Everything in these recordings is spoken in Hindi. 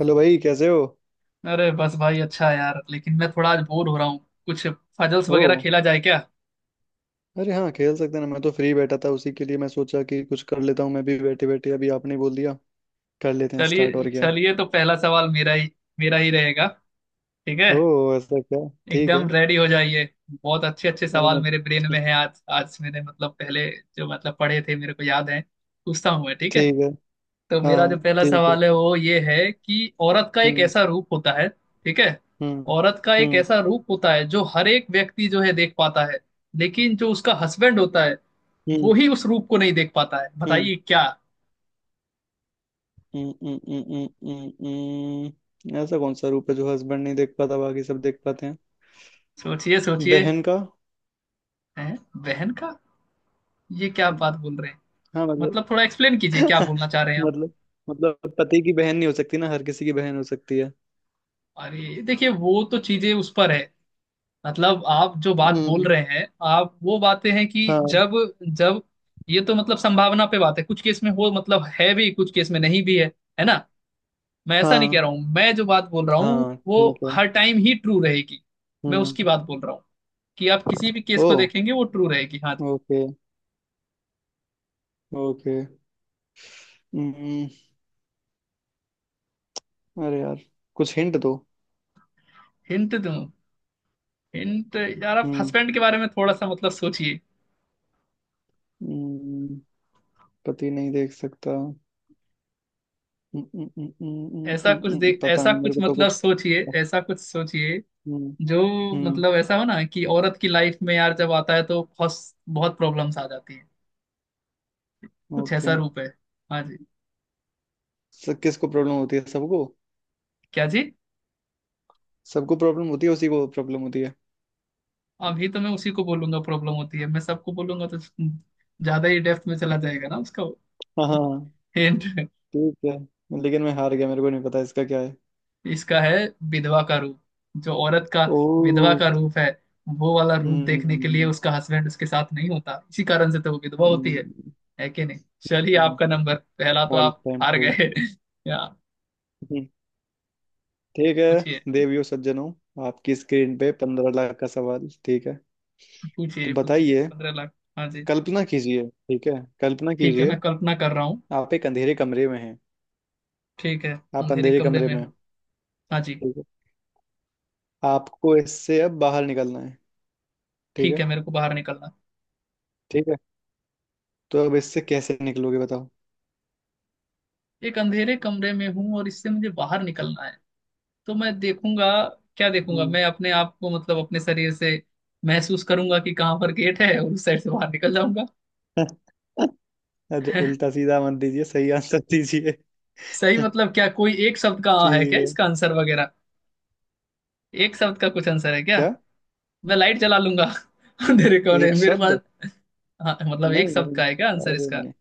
हेलो भाई, कैसे हो? अरे बस भाई, अच्छा है यार। लेकिन मैं थोड़ा आज बोर हो रहा हूँ। कुछ पजल्स ओ, वगैरह खेला जाए क्या? अरे हाँ, खेल सकते हैं ना। मैं तो फ्री बैठा था, उसी के लिए मैं सोचा कि कुछ कर लेता हूँ मैं भी बैठे बैठे, अभी आपने बोल दिया। कर लेते हैं स्टार्ट, चलिए और क्या है। चलिए, तो पहला सवाल मेरा ही रहेगा, ठीक है? ओ, ऐसा क्या? ठीक है। एकदम रेडी हो जाइए। बहुत अच्छे अच्छे अरे सवाल मैं मेरे ब्रेन में हैं। आज आज मैंने, मतलब, पहले जो, मतलब, पढ़े थे मेरे को याद है। पूछता हूँ मैं, ठीक है? ठीक है। तो हाँ मेरा जो हाँ, पहला ठीक है। सवाल है वो ये है कि औरत का एक हम्म, ऐसा रूप होता है, ठीक है। हम्म, औरत का एक हम्म, ऐसा रूप होता है जो हर एक व्यक्ति, जो है, देख पाता है। लेकिन जो उसका हस्बैंड होता है वो हम्म, ही उस रूप को नहीं देख पाता है। हम्म, बताइए क्या। हम्म, हम्म, हम्म, हम्म, हम्म, ऐसा कौन सा रूप है जो हस्बैंड नहीं देख पाता, बाकी सब देख पाते हैं? सोचिए सोचिए। बहन का। हैं? बहन का? ये क्या बात बोल रहे हैं। हाँ, मतलब मतलब, थोड़ा एक्सप्लेन कीजिए क्या बोलना चाह रहे हैं आप। मतलब मतलब पति की बहन नहीं हो सकती ना, हर किसी की बहन हो सकती है। अरे देखिए, वो तो चीजें उस पर है। मतलब, आप जो बात बोल हम्म, रहे हैं, आप वो बातें हैं कि हाँ जब जब ये तो, मतलब, संभावना पे बात है। कुछ केस में हो, मतलब, है भी, कुछ केस में नहीं भी है ना? मैं ऐसा नहीं हाँ कह रहा हूँ। मैं जो बात बोल रहा हूँ हाँ, वो ठीक है। हर टाइम ही ट्रू रहेगी। मैं उसकी हम्म। बात बोल रहा हूँ कि आप किसी भी केस ओ, को देखेंगे वो ट्रू रहेगी। हाँ जी। Okay, okay. हम्म, अरे यार, कुछ हिंट दो। हिंट दूँ? हिंट? यार, आप हम्म, हस्बैंड के बारे में थोड़ा सा, मतलब, सोचिए। हम्म, पति नहीं देख सकता। पता ऐसा नहीं, मेरे कुछ, को तो मतलब, कुछ। सोचिए, ऐसा कुछ सोचिए हम्म, जो, हम्म, मतलब, ऐसा हो ना कि औरत की लाइफ में यार जब आता है तो बहुत बहुत प्रॉब्लम्स आ जाती हैं। कुछ ऐसा ओके। रूप है। हाँ जी। सब किसको प्रॉब्लम होती है? सबको। क्या जी? सबको प्रॉब्लम होती है, उसी को प्रॉब्लम होती है। अभी तो मैं उसी को बोलूंगा प्रॉब्लम होती है। मैं सबको बोलूंगा तो ज्यादा ही डेप्थ में चला हम्म, जाएगा ना उसका। हाँ हाँ, हिंट ठीक है। लेकिन मैं हार गया, मेरे को नहीं पता इसका क्या है। इसका है विधवा का रूप। जो औरत का विधवा ओ, का रूप है, वो वाला रूप देखने के लिए हम्म, उसका हस्बैंड उसके साथ नहीं होता, इसी कारण से तो वो विधवा होती है। है कि नहीं? चलिए, आपका नंबर पहला तो ऑल आप टाइम हार ट्रू। गए या। हम्म, ठीक पूछिए है देवियों सज्जनों, आपकी स्क्रीन पे 15 लाख का सवाल, ठीक है? तो पूछिए पूछिए बताइए। 15 लाख, हाँ जी। कल्पना कीजिए, ठीक है? कल्पना ठीक है, कीजिए। मैं कल्पना कर रहा हूँ। आप एक अंधेरे कमरे में हैं। ठीक है, आप अंधेरे अंधेरे कमरे कमरे में में हैं, हूँ। हाँ जी। ठीक है। आपको इससे अब बाहर निकलना है, ठीक ठीक है। है, मेरे को बाहर निकलना। ठीक है, तो अब इससे कैसे निकलोगे, बताओ? एक अंधेरे कमरे में हूँ और इससे मुझे बाहर निकलना है, तो मैं देखूंगा। क्या देखूंगा? हम्म। मैं अपने आप को, मतलब, अपने शरीर से महसूस करूंगा कि कहाँ पर गेट है, और उस साइड से बाहर निकल जाऊंगा। अरे, उल्टा सीधा मत दीजिए, सही आंसर दीजिए। सही, मतलब, क्या कोई एक शब्द का आ है ठीक क्या है, इसका आंसर वगैरह? एक शब्द का कुछ आंसर है क्या? क्या मैं लाइट जला लूंगा अंधेरे कमरे एक में मेरे शब्द? पास। हाँ, मतलब, नहीं एक शब्द नहीं, का है क्या आंसर अरे इसका? नहीं,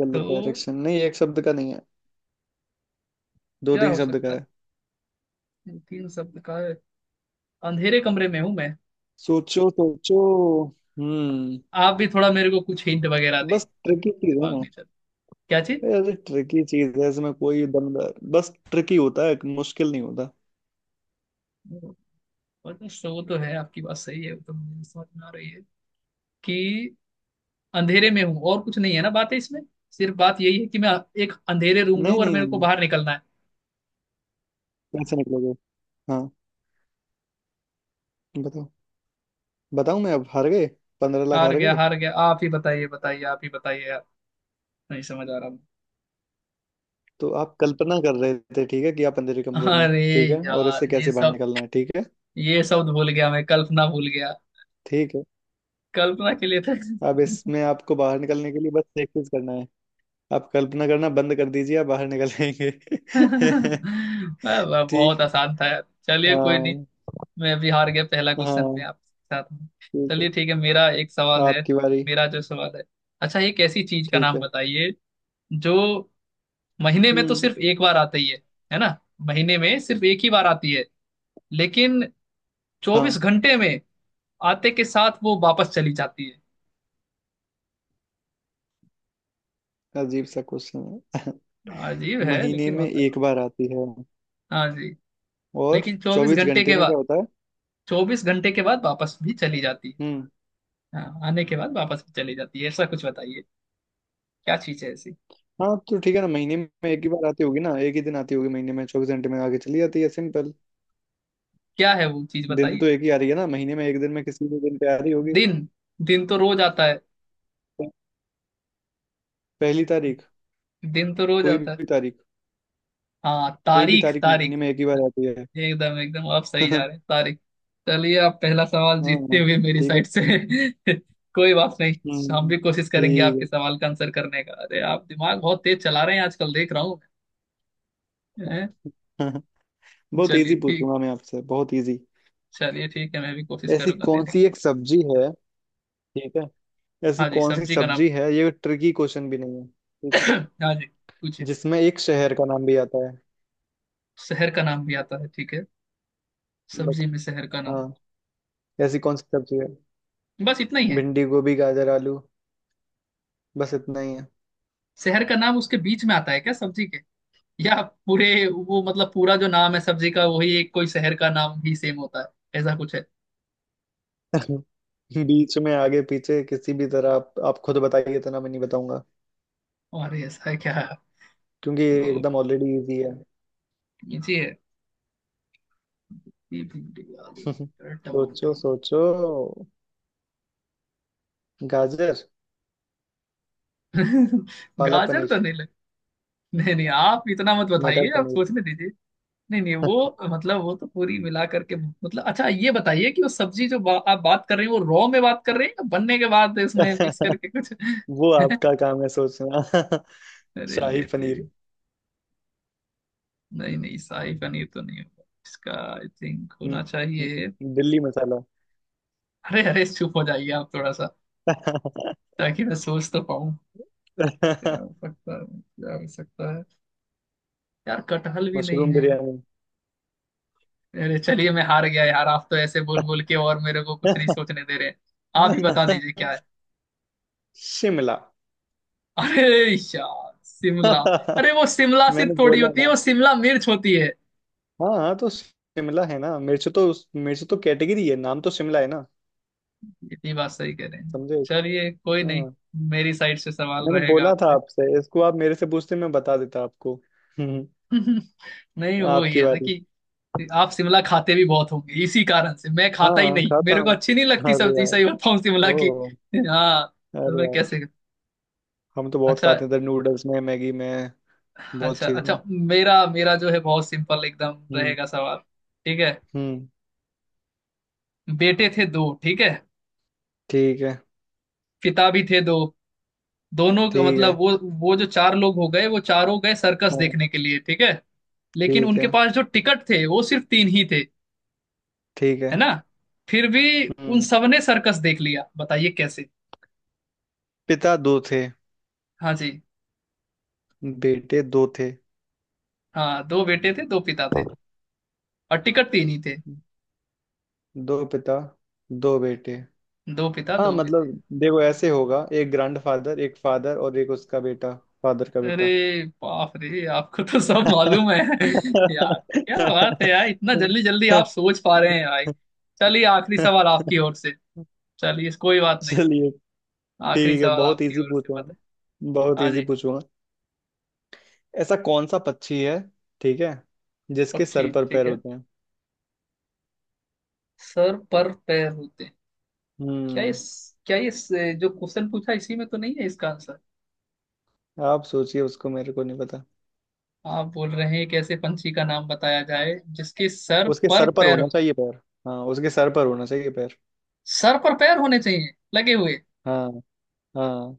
गलत तो डायरेक्शन नहीं, एक शब्द का नहीं है। दो क्या तीन हो शब्द का सकता है। है? तीन शब्द का है। अंधेरे कमरे में हूं मैं। सोचो सोचो। हम्म, आप भी थोड़ा मेरे को कुछ हिंट वगैरह दें। बस ट्रिकी चीज है दिमाग ना। नहीं चल। क्या चीज? ऐसे ट्रिकी चीज है, इसमें कोई दमदार, बस ट्रिकी होता है, मुश्किल नहीं होता। वो वो तो शो तो है, आपकी बात सही है, वो तो मुझे समझ में आ रही है कि अंधेरे में हूँ और कुछ नहीं है ना बात है इसमें। सिर्फ बात यही है कि मैं एक अंधेरे रूम में नहीं हूँ और नहीं नहीं मेरे को नहीं, बाहर निकलना है। कैसे निकलोगे? हाँ, बताओ। बताऊं मैं? अब हार गए, 15 लाख हार हार गया गए। हार गया आप ही बताइए, बताइए, आप ही बताइए यार, नहीं समझ आ रहा। तो आप कल्पना कर रहे थे, ठीक है, कि आप अंधेरे मैं, कमरे में हैं, अरे ठीक है, और यार, इससे ये कैसे बाहर सब निकलना है, ठीक है? ये सब भूल गया। मैं कल्पना भूल गया। ठीक है, कल्पना के लिए था। अब इसमें आपको बाहर निकलने के लिए बस एक चीज करना है। आप कल्पना करना बंद कर दीजिए, आप बाहर निकल आएंगे। वाह, वाह, बहुत ठीक। आसान था यार। चलिए, कोई नहीं। हाँ मैं भी हार गया पहला क्वेश्चन में हाँ, आपके साथ में। ठीक है, चलिए ठीक है, मेरा एक सवाल है। आपकी बारी। मेरा जो सवाल है, अच्छा, एक ऐसी चीज का ठीक नाम है। बताइए जो महीने में तो हम्म, सिर्फ एक बार आती है ना? महीने में सिर्फ एक ही बार आती है लेकिन चौबीस हाँ, घंटे में आते के साथ वो वापस चली जाती है। अजीब सा क्वेश्चन है। अजीब है महीने लेकिन में होता है। एक बार आती है हाँ जी। और लेकिन चौबीस चौबीस घंटे घंटे के में क्या बाद, होता है? 24 घंटे के बाद वापस भी चली जाती है। हम्म, हाँ, आने के बाद वापस भी चली जाती है। ऐसा कुछ बताइए क्या चीज है ऐसी। हाँ तो ठीक है ना, महीने में एक ही बार आती होगी ना, एक ही दिन आती होगी महीने में, 24 घंटे में आगे चली जाती है। सिंपल। क्या है वो चीज, दिन तो बताइए। एक ही आ रही है ना महीने में, एक दिन में, किसी भी दिन पे आ रही होगी। दिन दिन तो रोज आता है। पहली तारीख, दिन तो रोज कोई आता है। भी तारीख। हाँ, कोई भी तारीख तारीख तारीख। महीने में एक ही बार आती है। एकदम एकदम आप सही जा रहे हैं, तारिक। चलिए, आप पहला सवाल जीतते हाँ, हुए मेरी ठीक है। साइड से। कोई बात नहीं, हम हम्म, भी कोशिश करेंगे आपके ठीक सवाल का आंसर करने का। अरे, आप दिमाग बहुत तेज चला रहे हैं आजकल, देख रहा हूँ मैं। हैं? है। बहुत चलिए इजी ठीक पूछूंगा मैं आपसे, बहुत इजी। चलिए ठीक है, मैं भी कोशिश ऐसी करूंगा कौन देने का। सी एक सब्जी है, ठीक है? ऐसी हाँ जी, कौन सी सब्जी का नाम। सब्जी है, ये ट्रिकी क्वेश्चन भी नहीं है, ठीक है, हाँ जी पूछिए। जिसमें एक शहर का नाम भी आता है? शहर का नाम भी आता है, ठीक है। बट सब्जी में शहर का हाँ, नाम। ऐसी कौन सी सब्जी है? बस इतना ही है? भिंडी, गोभी, गाजर, आलू। बस इतना ही है। शहर का नाम उसके बीच में आता है क्या सब्जी के, या पूरे वो, मतलब, पूरा जो नाम है सब्जी का वही एक कोई शहर का नाम ही सेम होता है, ऐसा कुछ है? बीच में आगे पीछे किसी भी तरह, आप खुद बताइए तो ना, मैं नहीं बताऊंगा, और ऐसा क्या है? क्योंकि ये तो एकदम ऑलरेडी इजी है। कीजिए। भी, भिंडी, आलू और सोचो टमाटर। सोचो। गाजर, पालक गाजर तो पनीर, नहीं लग। नहीं नहीं, आप इतना मत मटर बताइए, आप पनीर। सोचने दीजिए। नहीं नहीं, वो, मतलब, वो तो पूरी मिला करके, मतलब, अच्छा, ये बताइए कि वो सब्जी जो आप बात कर रहे हैं, वो रॉ में बात कर रहे हैं या बनने के बाद इसमें मिक्स करके कुछ। वो आपका काम है सोचना। अरे शाही लेते। पनीर, नहीं नहीं, शाही पनीर तो नहीं होगा इसका, आई थिंक न- होना चाहिए। न- दिल्ली मसाला। अरे अरे, चुप हो जाइए आप थोड़ा सा, ताकि मैं सोच तो पाऊँ क्या हो सकता है, क्या हो सकता है। यार कटहल भी नहीं मशरूम है। बिरयानी। अरे चलिए, मैं हार गया यार, आप तो ऐसे बोल बोल के और मेरे को कुछ नहीं सोचने दे रहे। आप ही बता दीजिए क्या है। शिमला। अरे यार शिमला। अरे, वो शिमला मैंने सिर्फ थोड़ी बोला होती है, ना। वो शिमला मिर्च होती है। हाँ हाँ, तो शिमला है ना, मिर्च तो। मिर्च तो कैटेगरी है, नाम तो शिमला है ना। इतनी बात सही कह रहे हैं, समझे? चलिए कोई नहीं। हाँ, मेरी साइड से सवाल मैंने रहेगा बोला था आपसे। आपसे, इसको आप मेरे से पूछते मैं बता देता आपको। हम्म, नहीं, वो ही आपकी है ना बारी। कि आप शिमला खाते भी बहुत होंगे इसी कारण से। मैं खाता ही हाँ, नहीं, खाता मेरे को हूँ। अच्छी नहीं लगती अरे सब्जी, यार। सही बताऊं, शिमला की। ओ, हाँ, तो अरे मैं यार, कैसे। हम तो बहुत अच्छा खाते हैं, इधर नूडल्स में, मैगी में, बहुत अच्छा चीज में। अच्छा, मेरा मेरा जो है बहुत सिंपल एकदम हम्म, रहेगा सवाल, ठीक है। हम्म, बेटे थे दो, ठीक है। ठीक है, पिता भी थे दो। दोनों का ठीक है। मतलब वो जो चार लोग हो गए, वो चारों गए सर्कस हाँ, देखने के लिए, ठीक है। लेकिन ठीक उनके है। पास जो टिकट थे वो सिर्फ तीन ही थे, ठीक है है। ना? फिर भी उन हम्म, सबने सर्कस देख लिया, बताइए कैसे। पिता दो थे, हाँ जी। बेटे दो थे। हाँ, दो बेटे थे, दो पिता थे और टिकट तीन ही थे। दो पिता, दो बेटे। दो पिता, हाँ दो बेटे। मतलब देखो, ऐसे होगा, एक ग्रैंडफादर, एक फादर और एक उसका बेटा। फादर का अरे बेटा। बाप रे, आपको तो सब मालूम है। यार क्या बात है यार, इतना जल्दी जल्दी आप सोच पा रहे हैं भाई। चलिए, आखिरी सवाल आपकी ओर से। चलिए कोई बात नहीं, चलिए, आखिरी ठीक है, सवाल बहुत आपकी इजी ओर से पूछूंगा, बताए। बहुत हाँ इजी जी। पूछूंगा। ऐसा कौन सा पक्षी है, ठीक है, जिसके पक्षी, सर पर ठीक पैर है, होते हैं? सर पर पैर होते हैं। क्या हम्म। इस क्या इस जो क्वेश्चन पूछा, इसी में तो नहीं है इसका आंसर? आप सोचिए उसको, मेरे को नहीं पता। आप बोल रहे हैं एक ऐसे पंछी का नाम बताया जाए जिसके सर उसके पर सर पर पैर होना हो, चाहिए पैर। हाँ, उसके सर पर होना चाहिए पैर। सर पर पैर होने चाहिए लगे हुए। हाँ हाँ।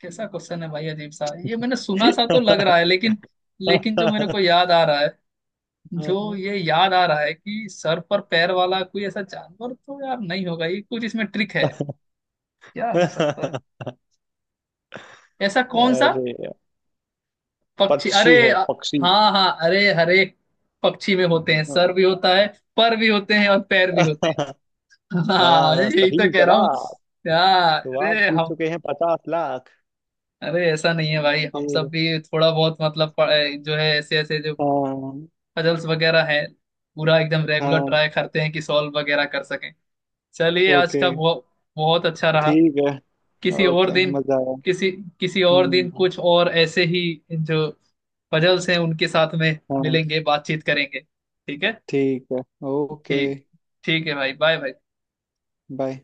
कैसा क्वेश्चन है भाई, अजीब सा। ये मैंने सुना सा तो लग रहा है लेकिन, लेकिन जो मेरे को याद आ रहा है, जो ये याद आ रहा है कि सर पर पैर वाला कोई ऐसा जानवर तो यार नहीं होगा, ये कुछ इसमें ट्रिक है। क्या हो सकता है? ऐसा कौन सा अरे यार, पक्षी, पक्षी है पक्षी। हाँ हाँ, अरे, हर एक पक्षी में होते हैं, सर भी होता है, पर भी होते हैं और पैर भी होते हैं। हाँ, हाँ, यही तो सही कह रहा हूँ जवाब। यार। तो आप अरे जीत हम, चुके हैं 50 लाख। अरे ऐसा नहीं है भाई, हम ठीक सब है। भी थोड़ा बहुत, मतलब, जो है, ऐसे ऐसे जो हाँ पजल्स वगैरह है, पूरा एकदम रेगुलर हाँ, ट्राई करते हैं कि सॉल्व वगैरह कर सकें। चलिए, आज ओके। का बहुत बहुत अच्छा रहा। ठीक है। किसी और ओके, दिन, मजा आया। किसी किसी और दिन हम्म, कुछ और ऐसे ही जो पजल्स हैं उनके साथ में हाँ, मिलेंगे, बातचीत करेंगे, ठीक है? ठीक है। ओके। ठीक ठीक है भाई, बाय भाई। बाय।